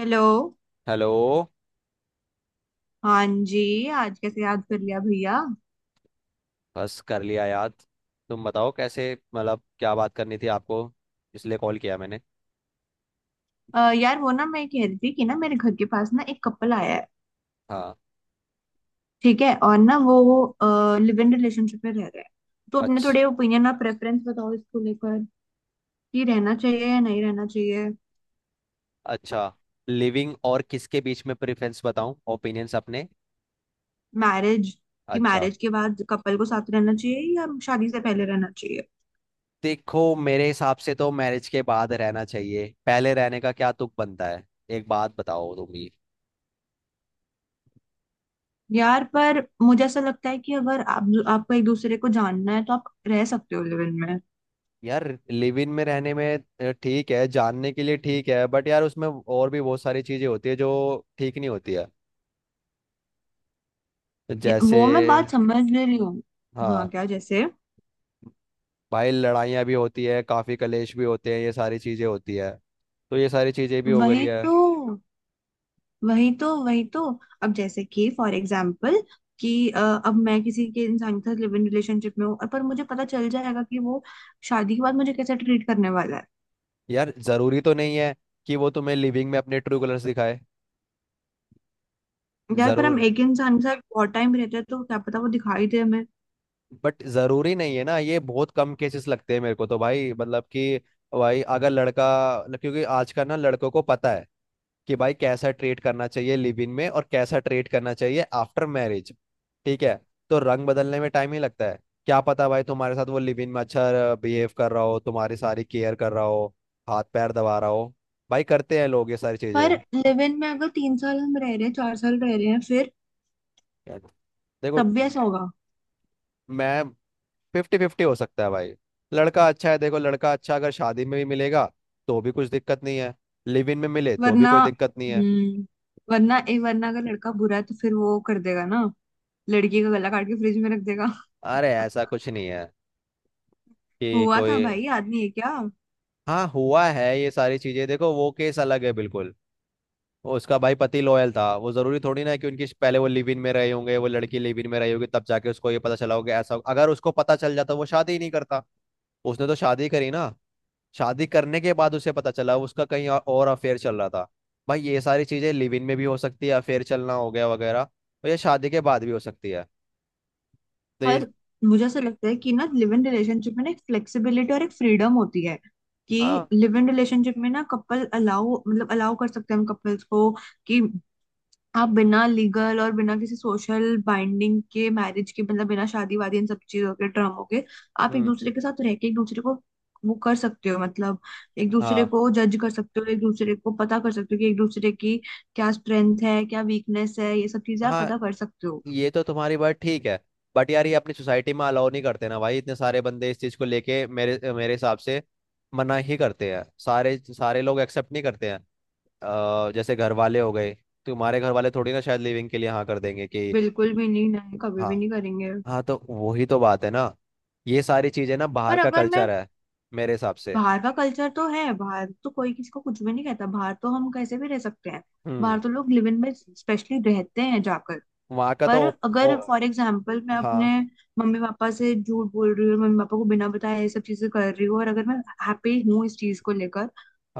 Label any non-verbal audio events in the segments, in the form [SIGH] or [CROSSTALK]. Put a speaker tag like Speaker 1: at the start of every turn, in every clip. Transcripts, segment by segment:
Speaker 1: Hello.
Speaker 2: Hello.
Speaker 1: हाँ जी। आज कैसे याद कर लिया भैया?
Speaker 2: बस कर लिया याद। तुम बताओ कैसे, मतलब क्या बात करनी थी आपको, इसलिए कॉल किया मैंने।
Speaker 1: यार वो ना मैं कह रही थी कि ना मेरे घर के पास ना एक कपल आया है।
Speaker 2: हाँ।
Speaker 1: ठीक है और ना वो लिव इन रिलेशनशिप में रह रहे हैं। तो अपने
Speaker 2: अच्छा।
Speaker 1: थोड़े ओपिनियन और प्रेफरेंस बताओ इसको लेकर कि रहना चाहिए या नहीं रहना चाहिए।
Speaker 2: अच्छा, लिविंग और किसके बीच में प्रेफरेंस बताऊं, ओपिनियंस अपने?
Speaker 1: मैरिज। कि
Speaker 2: अच्छा।
Speaker 1: मैरिज के बाद कपल को साथ रहना चाहिए या शादी से पहले रहना चाहिए?
Speaker 2: देखो मेरे हिसाब से तो मैरिज के बाद रहना चाहिए, पहले रहने का क्या तुक बनता है। एक बात बताओ तुम ही।
Speaker 1: यार पर मुझे ऐसा लगता है कि अगर आप आपको एक दूसरे को जानना है तो आप रह सकते हो लिव इन में।
Speaker 2: यार, लिव इन में रहने में ठीक है जानने के लिए, ठीक है, बट यार उसमें और भी बहुत सारी चीजें होती है जो ठीक नहीं होती है। जैसे,
Speaker 1: वो मैं बात समझ ले रही हूँ। हाँ,
Speaker 2: हाँ
Speaker 1: क्या जैसे?
Speaker 2: भाई, लड़ाइयाँ भी होती है, काफी कलेश भी होते हैं, ये सारी चीजें होती है, तो ये सारी चीजें भी हो गई
Speaker 1: वही
Speaker 2: है।
Speaker 1: तो। वही तो वही तो। अब जैसे कि फॉर एग्जाम्पल कि अब मैं किसी के इंसान के साथ लिव इन रिलेशनशिप में हूँ और पर मुझे पता चल जाएगा कि वो शादी के बाद मुझे कैसे ट्रीट करने वाला है।
Speaker 2: यार जरूरी तो नहीं है कि वो तुम्हें लिविंग में अपने ट्रू कलर्स दिखाए।
Speaker 1: यार पर हम
Speaker 2: जरूर,
Speaker 1: एक इंसान के साथ बहुत टाइम रहते हैं तो क्या पता वो दिखाई दे हमें।
Speaker 2: बट जरूरी नहीं है ना। ये बहुत कम केसेस लगते हैं मेरे को तो भाई, मतलब कि भाई अगर लड़का, क्योंकि आज का ना लड़कों को पता है कि भाई कैसा ट्रीट करना चाहिए लिव इन में और कैसा ट्रीट करना चाहिए आफ्टर मैरिज। ठीक है, तो रंग बदलने में टाइम ही लगता है। क्या पता भाई, तुम्हारे साथ वो लिव इन में अच्छा बिहेव कर रहा हो, तुम्हारी सारी केयर कर रहा हो, हाथ पैर दबा रहा हो। भाई करते हैं लोग ये सारी
Speaker 1: पर
Speaker 2: चीजें।
Speaker 1: लिव इन में अगर 3 साल हम रह रहे हैं, 4 साल रह रहे हैं, फिर
Speaker 2: देखो,
Speaker 1: तब भी ऐसा होगा?
Speaker 2: मैं, फिफ्टी फिफ्टी हो सकता है भाई। लड़का अच्छा है, देखो लड़का अच्छा अगर शादी में भी मिलेगा तो भी कुछ दिक्कत नहीं है, लिव इन में मिले तो भी
Speaker 1: वरना
Speaker 2: कोई दिक्कत नहीं है।
Speaker 1: हम्म वरना ए वरना अगर लड़का बुरा है तो फिर वो कर देगा ना, लड़की का गला काट के फ्रिज में रख देगा।
Speaker 2: अरे ऐसा
Speaker 1: [LAUGHS]
Speaker 2: कुछ नहीं है कि
Speaker 1: हुआ
Speaker 2: कोई।
Speaker 1: था भाई, आदमी है क्या?
Speaker 2: हाँ हुआ है ये सारी चीजें, देखो वो केस अलग है बिल्कुल। वो उसका भाई पति लॉयल था, वो जरूरी थोड़ी ना है कि उनकी पहले वो लिव इन में रहे होंगे, वो लड़की लिव इन में रही होगी तब जाके उसको ये पता चला होगा। ऐसा अगर उसको पता चल जाता वो शादी ही नहीं करता, उसने तो शादी करी ना। शादी करने के बाद उसे पता चला उसका कहीं और अफेयर चल रहा था। भाई ये सारी चीजें लिव इन में भी हो सकती है, अफेयर चलना हो गया वगैरह, और ये शादी के बाद भी हो सकती है। तो ये,
Speaker 1: पर मुझे ऐसा लगता है कि ना लिव इन रिलेशनशिप में ना एक फ्लेक्सिबिलिटी और एक फ्रीडम होती है कि
Speaker 2: हाँ।
Speaker 1: लिव इन रिलेशनशिप में ना कपल अलाउ मतलब अलाउ कर सकते हैं हम कपल्स को कि आप बिना लीगल और बिना किसी सोशल बाइंडिंग के मैरिज के मतलब बिना शादी वादी इन सब चीजों के ड्रामों के आप एक
Speaker 2: हम्म।
Speaker 1: दूसरे के साथ रह के एक दूसरे को वो कर सकते हो मतलब एक दूसरे
Speaker 2: हाँ।
Speaker 1: को जज कर सकते हो, एक दूसरे को पता कर सकते हो कि एक दूसरे की क्या स्ट्रेंथ है, क्या वीकनेस है, ये सब चीजें आप
Speaker 2: हाँ
Speaker 1: पता कर सकते हो।
Speaker 2: ये तो तुम्हारी बात ठीक है, बट यार ये अपनी सोसाइटी में अलाउ नहीं करते ना भाई, इतने सारे बंदे इस चीज को लेके, मेरे मेरे हिसाब से मना ही करते हैं। सारे सारे लोग एक्सेप्ट नहीं करते हैं। जैसे घर वाले हो गए, तुम्हारे घर वाले थोड़ी ना शायद लिविंग के लिए हाँ कर देंगे कि।
Speaker 1: बिल्कुल भी नहीं, नहीं कभी भी
Speaker 2: हाँ।
Speaker 1: नहीं करेंगे।
Speaker 2: हाँ, तो वही तो बात है ना। ये सारी चीजें ना बाहर
Speaker 1: पर
Speaker 2: का
Speaker 1: अगर मैं,
Speaker 2: कल्चर है मेरे हिसाब से।
Speaker 1: बाहर का कल्चर तो है, बाहर तो कोई किसी को कुछ भी नहीं कहता, बाहर तो हम कैसे भी रह सकते हैं,
Speaker 2: हम्म।
Speaker 1: बाहर तो लोग लिव इन में स्पेशली रहते हैं जाकर।
Speaker 2: वहाँ का
Speaker 1: पर
Speaker 2: तो। ओ,
Speaker 1: अगर फॉर एग्जाम्पल मैं अपने
Speaker 2: हाँ।
Speaker 1: मम्मी पापा से झूठ बोल रही हूँ, मम्मी पापा को बिना बताए ये सब चीजें कर रही हूँ और अगर मैं हैप्पी हूँ इस चीज को लेकर,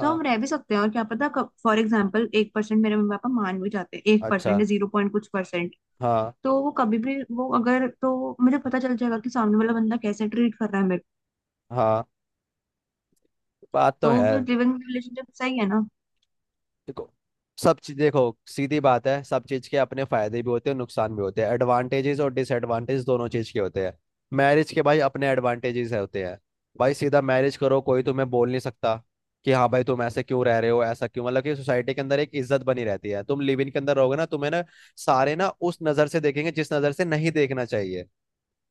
Speaker 1: तो हम रह भी सकते हैं, और क्या पता कब फॉर एग्जाम्पल 1% मेरे मम्मी पापा मान भी जाते हैं, 1%
Speaker 2: अच्छा,
Speaker 1: या जीरो पॉइंट कुछ परसेंट।
Speaker 2: हाँ।
Speaker 1: तो वो कभी भी वो अगर तो मुझे पता चल जाएगा कि सामने वाला बंदा कैसे ट्रीट कर रहा है मेरे।
Speaker 2: हाँ बात तो
Speaker 1: तो
Speaker 2: है।
Speaker 1: फिर लिविंग रिलेशनशिप सही है ना?
Speaker 2: देखो, सब चीज देखो, सीधी बात है, सब चीज के अपने फायदे भी होते हैं नुकसान भी होते हैं, एडवांटेजेस और डिसएडवांटेज दोनों चीज के होते हैं। मैरिज के भाई अपने एडवांटेजेस होते हैं। भाई सीधा मैरिज करो, कोई तुम्हें बोल नहीं सकता कि हाँ भाई तुम ऐसे क्यों रह रहे हो, ऐसा क्यों, मतलब कि सोसाइटी के अंदर एक इज्जत बनी रहती है। तुम लिव इन के अंदर रहोगे ना, तुम्हें ना सारे ना उस नजर से देखेंगे जिस नजर से नहीं देखना चाहिए।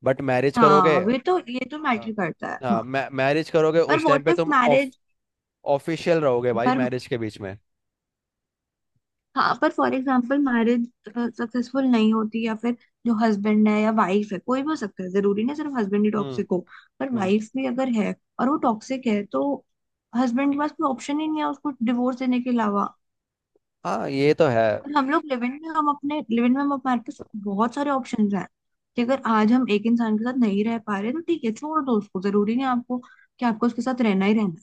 Speaker 2: बट मैरिज करोगे।
Speaker 1: हाँ वे तो, ये तो मैटर
Speaker 2: हाँ।
Speaker 1: करता है
Speaker 2: हाँ,
Speaker 1: हाँ।
Speaker 2: मै मैरिज करोगे
Speaker 1: पर
Speaker 2: उस टाइम
Speaker 1: व्हाट
Speaker 2: पे
Speaker 1: इफ
Speaker 2: तुम ऑफ,
Speaker 1: मैरिज,
Speaker 2: ऑफिशियल रहोगे भाई
Speaker 1: पर
Speaker 2: मैरिज के बीच में।
Speaker 1: हाँ पर फॉर एग्जांपल मैरिज सक्सेसफुल नहीं होती, या फिर जो हस्बैंड है या वाइफ है कोई भी हो सकता है, जरूरी नहीं सिर्फ हस्बैंड ही
Speaker 2: हम्म।
Speaker 1: टॉक्सिक हो, पर
Speaker 2: हम्म।
Speaker 1: वाइफ भी अगर है और वो टॉक्सिक है तो हस्बैंड के पास कोई ऑप्शन ही नहीं है उसको डिवोर्स देने के अलावा।
Speaker 2: हाँ ये तो है।
Speaker 1: और हम लोग लिव इन में, हम अपने लिव इन में हम हमारे पास बहुत सारे ऑप्शंस हैं कि अगर आज हम एक इंसान के साथ नहीं रह पा रहे तो ठीक है छोड़ दो उसको, जरूरी नहीं आपको कि आपको उसके साथ रहना ही रहना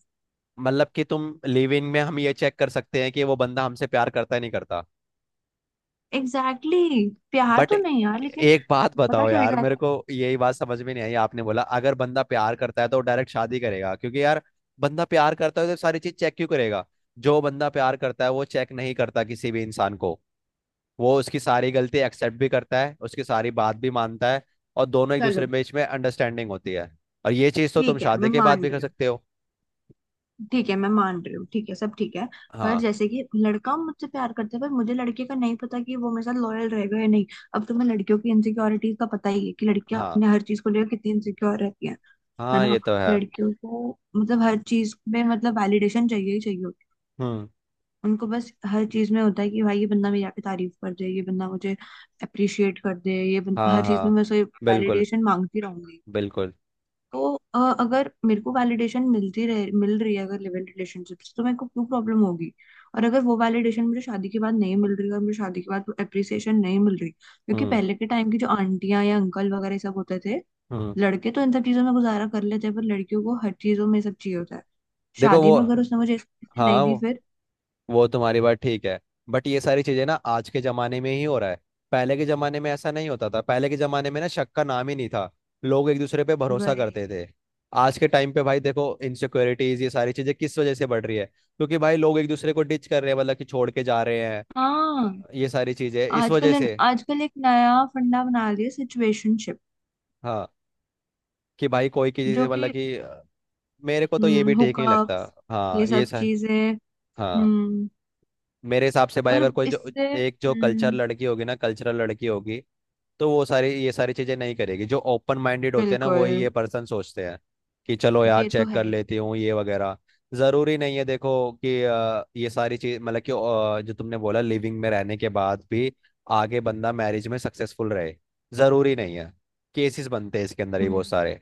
Speaker 2: मतलब कि तुम लिव इन में हम ये चेक कर सकते हैं कि वो बंदा हमसे प्यार करता है नहीं करता।
Speaker 1: है। Exactly exactly। प्यार
Speaker 2: बट
Speaker 1: तो नहीं यार, लेकिन
Speaker 2: एक बात
Speaker 1: पता
Speaker 2: बताओ
Speaker 1: चल
Speaker 2: यार, मेरे
Speaker 1: जाता है।
Speaker 2: को यही बात समझ में नहीं आई, आपने बोला अगर बंदा प्यार करता है तो डायरेक्ट शादी करेगा, क्योंकि यार बंदा प्यार करता है तो सारी चीज चेक क्यों करेगा। जो बंदा प्यार करता है वो चेक नहीं करता किसी भी इंसान को, वो उसकी सारी गलती एक्सेप्ट भी करता है, उसकी सारी बात भी मानता है, और दोनों एक दूसरे
Speaker 1: चलो
Speaker 2: के बीच में अंडरस्टैंडिंग होती है। और ये चीज तो तुम
Speaker 1: ठीक है
Speaker 2: शादी
Speaker 1: मैं
Speaker 2: के बाद
Speaker 1: मान
Speaker 2: भी कर
Speaker 1: रही हूँ,
Speaker 2: सकते हो।
Speaker 1: ठीक है मैं मान रही हूँ, ठीक है सब ठीक है। पर
Speaker 2: हाँ।
Speaker 1: जैसे कि लड़का मुझसे प्यार करता है पर मुझे लड़के का नहीं पता कि वो मेरे साथ लॉयल रहेगा या नहीं। अब तुम्हें लड़कियों की इनसिक्योरिटीज का पता ही है कि लड़कियां
Speaker 2: हाँ।
Speaker 1: अपने हर चीज को लेकर कितनी इनसिक्योर रहती हैं, है
Speaker 2: हाँ
Speaker 1: ना?
Speaker 2: ये तो है।
Speaker 1: लड़कियों को मतलब हर चीज में मतलब वैलिडेशन चाहिए ही चाहिए होती है।
Speaker 2: हम्म।
Speaker 1: उनको बस हर चीज में होता है कि भाई ये बंदा मेरी आके तारीफ कर दे, ये बंदा मुझे अप्रिशिएट कर दे,
Speaker 2: हाँ।
Speaker 1: हर चीज में
Speaker 2: हाँ
Speaker 1: मैं उसे
Speaker 2: बिल्कुल।
Speaker 1: वैलिडेशन मांगती रहूंगी।
Speaker 2: बिल्कुल।
Speaker 1: तो अगर मेरे को वैलिडेशन मिलती रहे, मिल रही है अगर लिव इन रिलेशनशिप से, तो मेरे को क्यों प्रॉब्लम होगी। और अगर वो वैलिडेशन मुझे शादी के बाद नहीं मिल रही और मुझे शादी के बाद वो अप्रिसिएशन नहीं मिल रही क्योंकि
Speaker 2: हम्म।
Speaker 1: पहले के टाइम की जो आंटियां या अंकल वगैरह ये सब होते थे,
Speaker 2: हम्म।
Speaker 1: लड़के तो इन सब चीजों में गुजारा कर लेते हैं पर लड़कियों को हर चीजों में ये सब चाहिए होता है।
Speaker 2: देखो
Speaker 1: शादी
Speaker 2: वो,
Speaker 1: में अगर उसने मुझे इस चीज़ से
Speaker 2: हाँ
Speaker 1: नहीं दी फिर,
Speaker 2: वो तुम्हारी बात ठीक है, बट ये सारी चीजें ना आज के जमाने में ही हो रहा है। पहले के जमाने में ऐसा नहीं होता था, पहले के जमाने में ना शक का नाम ही नहीं था, लोग एक दूसरे पे भरोसा
Speaker 1: वही।
Speaker 2: करते थे। आज के टाइम पे भाई देखो, इनसिक्योरिटीज ये सारी चीजें किस वजह से बढ़ रही है, क्योंकि भाई लोग एक दूसरे को डिच कर रहे हैं, मतलब कि छोड़ के जा रहे हैं।
Speaker 1: हाँ।
Speaker 2: ये सारी चीजें इस वजह
Speaker 1: आजकल,
Speaker 2: से।
Speaker 1: आजकल एक नया फंडा बना लिया, सिचुएशनशिप,
Speaker 2: हाँ कि भाई कोई की
Speaker 1: जो
Speaker 2: चीजें, मतलब
Speaker 1: कि
Speaker 2: कि मेरे को तो ये भी ठीक नहीं
Speaker 1: हुकअप,
Speaker 2: लगता।
Speaker 1: ये
Speaker 2: हाँ ये
Speaker 1: सब
Speaker 2: सर।
Speaker 1: चीजें।
Speaker 2: हाँ।
Speaker 1: हम्म।
Speaker 2: मेरे हिसाब से भाई
Speaker 1: और
Speaker 2: अगर कोई जो
Speaker 1: इससे।
Speaker 2: एक जो कल्चर
Speaker 1: हम्म।
Speaker 2: लड़की होगी ना, कल्चरल लड़की होगी तो वो सारी ये सारी चीजें नहीं करेगी। जो ओपन माइंडेड होते हैं ना वही ये
Speaker 1: बिल्कुल।
Speaker 2: पर्सन सोचते हैं कि चलो यार
Speaker 1: ये तो
Speaker 2: चेक कर
Speaker 1: है ही।
Speaker 2: लेती हूँ ये वगैरह। जरूरी नहीं है, देखो कि ये सारी चीज, मतलब कि जो तुमने बोला लिविंग में रहने के बाद भी आगे बंदा मैरिज में सक्सेसफुल रहे, जरूरी नहीं है। केसेस बनते हैं इसके अंदर ही बहुत
Speaker 1: हम्म।
Speaker 2: सारे।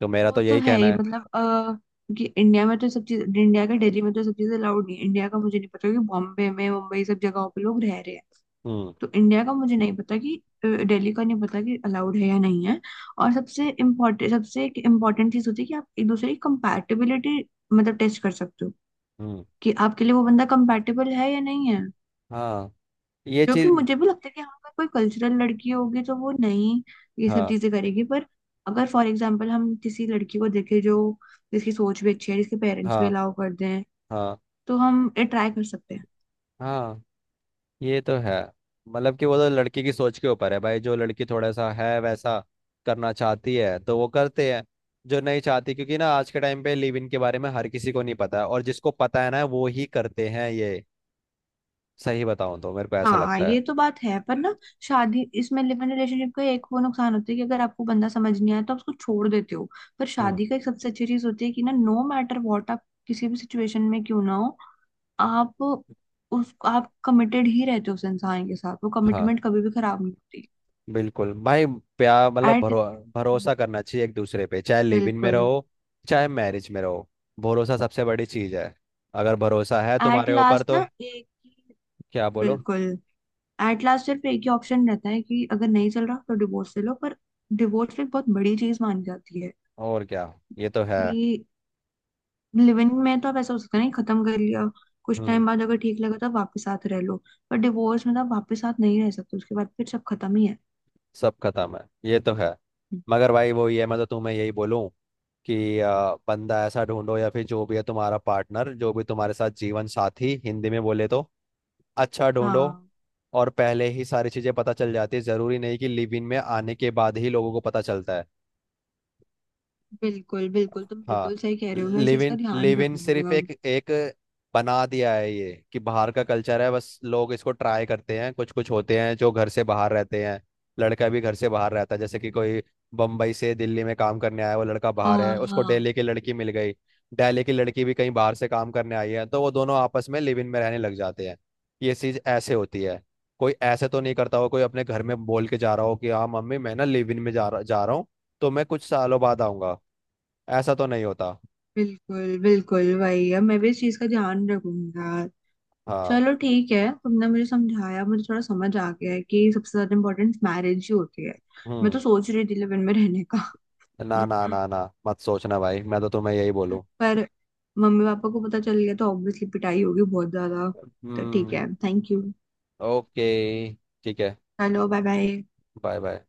Speaker 2: तो मेरा
Speaker 1: वो
Speaker 2: तो
Speaker 1: तो
Speaker 2: यही
Speaker 1: है
Speaker 2: कहना
Speaker 1: ही
Speaker 2: है।
Speaker 1: मतलब कि इंडिया में तो सब चीज, इंडिया का, दिल्ली में तो सब चीजें अलाउड नहीं है। इंडिया का मुझे नहीं पता कि बॉम्बे में, मुंबई, सब जगहों पे लोग रह रहे हैं।
Speaker 2: हम्म।
Speaker 1: तो इंडिया का मुझे नहीं पता कि दिल्ली का नहीं पता कि अलाउड है या नहीं है। और सबसे इम्पोर्टेंट, सबसे एक इम्पोर्टेंट चीज होती है कि आप एक दूसरे की कंपैटिबिलिटी मतलब टेस्ट कर सकते हो
Speaker 2: हम्म।
Speaker 1: कि आपके लिए वो बंदा कंपैटिबल है या नहीं।
Speaker 2: हाँ ये
Speaker 1: जो कि
Speaker 2: चीज।
Speaker 1: मुझे भी लगता है कि हाँ, अगर कोई कल्चरल लड़की होगी तो वो नहीं ये सब
Speaker 2: हाँ।
Speaker 1: चीजें करेगी, पर अगर फॉर एग्जाम्पल हम किसी लड़की को देखें जो, जिसकी सोच भी अच्छी है, जिसके पेरेंट्स भी
Speaker 2: हाँ।
Speaker 1: अलाउ कर दें,
Speaker 2: हाँ।
Speaker 1: तो हम ट्राई कर सकते हैं।
Speaker 2: हाँ ये तो है, मतलब कि वो तो लड़की की सोच के ऊपर है भाई। जो लड़की थोड़ा सा है वैसा करना चाहती है तो वो करते हैं, जो नहीं चाहती, क्योंकि ना आज के टाइम पे लिव इन के बारे में हर किसी को नहीं पता है, और जिसको पता है ना वो ही करते हैं ये। सही बताऊं तो मेरे को ऐसा
Speaker 1: हाँ
Speaker 2: लगता है।
Speaker 1: ये तो बात है पर ना, शादी, इसमें लिव इन रिलेशनशिप का एक वो नुकसान होता है कि अगर आपको बंदा समझ नहीं आया तो आप उसको छोड़ देते हो। पर
Speaker 2: हम्म।
Speaker 1: शादी का एक सबसे अच्छी चीज होती है कि ना नो मैटर व्हाट आप किसी भी सिचुएशन में क्यों ना हो, आप उस, आप कमिटेड ही रहते हो उस इंसान के साथ, वो
Speaker 2: हाँ
Speaker 1: कमिटमेंट कभी भी खराब नहीं होती।
Speaker 2: बिल्कुल भाई। प्यार मतलब
Speaker 1: एट।
Speaker 2: भरोसा करना चाहिए एक दूसरे पे, चाहे लिव इन में
Speaker 1: बिल्कुल।
Speaker 2: रहो चाहे मैरिज में रहो। भरोसा सबसे बड़ी चीज है, अगर भरोसा है
Speaker 1: एट
Speaker 2: तुम्हारे ऊपर
Speaker 1: लास्ट ना
Speaker 2: तो।
Speaker 1: एक ही।
Speaker 2: क्या बोलो।
Speaker 1: बिल्कुल। एट लास्ट सिर्फ एक ही ऑप्शन रहता है कि अगर नहीं चल रहा तो डिवोर्स ले लो, पर डिवोर्स एक बहुत बड़ी चीज मानी जाती है
Speaker 2: और क्या, ये तो है।
Speaker 1: कि लिविंग में तो आप ऐसा हो सकता है नहीं, खत्म कर लिया, कुछ
Speaker 2: हम्म।
Speaker 1: टाइम बाद अगर ठीक लगा तो वापस साथ रह लो, पर डिवोर्स में तो आप वापस साथ नहीं रह सकते, उसके बाद फिर सब खत्म ही है।
Speaker 2: सब खत्म है, ये तो है। मगर भाई वही है, मैं तो तुम्हें यही बोलूं कि बंदा ऐसा ढूंढो, या फिर जो भी है तुम्हारा पार्टनर, जो भी तुम्हारे साथ, जीवन साथी हिंदी में बोले तो, अच्छा ढूंढो।
Speaker 1: हाँ।
Speaker 2: और पहले ही सारी चीजें पता चल जाती है, जरूरी नहीं कि लिव इन में आने के बाद ही लोगों को पता चलता है।
Speaker 1: बिल्कुल बिल्कुल, तुम
Speaker 2: हाँ।
Speaker 1: बिल्कुल सही कह रहे हो, मैं इस चीज का
Speaker 2: लिविन
Speaker 1: ध्यान
Speaker 2: लिविन सिर्फ
Speaker 1: रखूंगा।
Speaker 2: एक एक बना दिया है ये कि बाहर का कल्चर है, बस लोग इसको ट्राई करते हैं। कुछ कुछ होते हैं जो घर से बाहर रहते हैं, लड़का भी घर से बाहर रहता है, जैसे कि कोई बम्बई से दिल्ली में काम करने आया, वो लड़का बाहर
Speaker 1: हाँ
Speaker 2: है, उसको दिल्ली
Speaker 1: हाँ।
Speaker 2: की लड़की मिल गई। दिल्ली की लड़की भी कहीं बाहर से काम करने आई है, तो वो दोनों आपस में लिव इन में रहने लग जाते हैं। ये चीज ऐसे होती है। कोई ऐसे तो नहीं करता हो, कोई अपने घर में बोल के जा रहा हो कि हाँ मम्मी, मैं ना लिव इन में जा रहा हूँ तो मैं कुछ सालों बाद आऊंगा। ऐसा तो नहीं होता।
Speaker 1: बिल्कुल बिल्कुल वही, अब मैं भी इस चीज का ध्यान रखूंगा।
Speaker 2: हाँ।
Speaker 1: चलो ठीक है, तुमने मुझे समझाया, मुझे थोड़ा समझ आ गया है कि सबसे ज्यादा इम्पोर्टेंस मैरिज ही होती है। मैं तो
Speaker 2: हम्म।
Speaker 1: सोच रही थी लिव इन में रहने का।
Speaker 2: ना ना
Speaker 1: [LAUGHS]
Speaker 2: ना ना मत सोचना भाई, मैं तो तुम्हें यही बोलूँ।
Speaker 1: पर मम्मी पापा को पता चल गया तो ऑब्वियसली पिटाई होगी बहुत ज्यादा। तो ठीक
Speaker 2: हम्म।
Speaker 1: है, थैंक यू।
Speaker 2: ओके, ठीक है।
Speaker 1: चलो बाय बाय।
Speaker 2: Bye bye.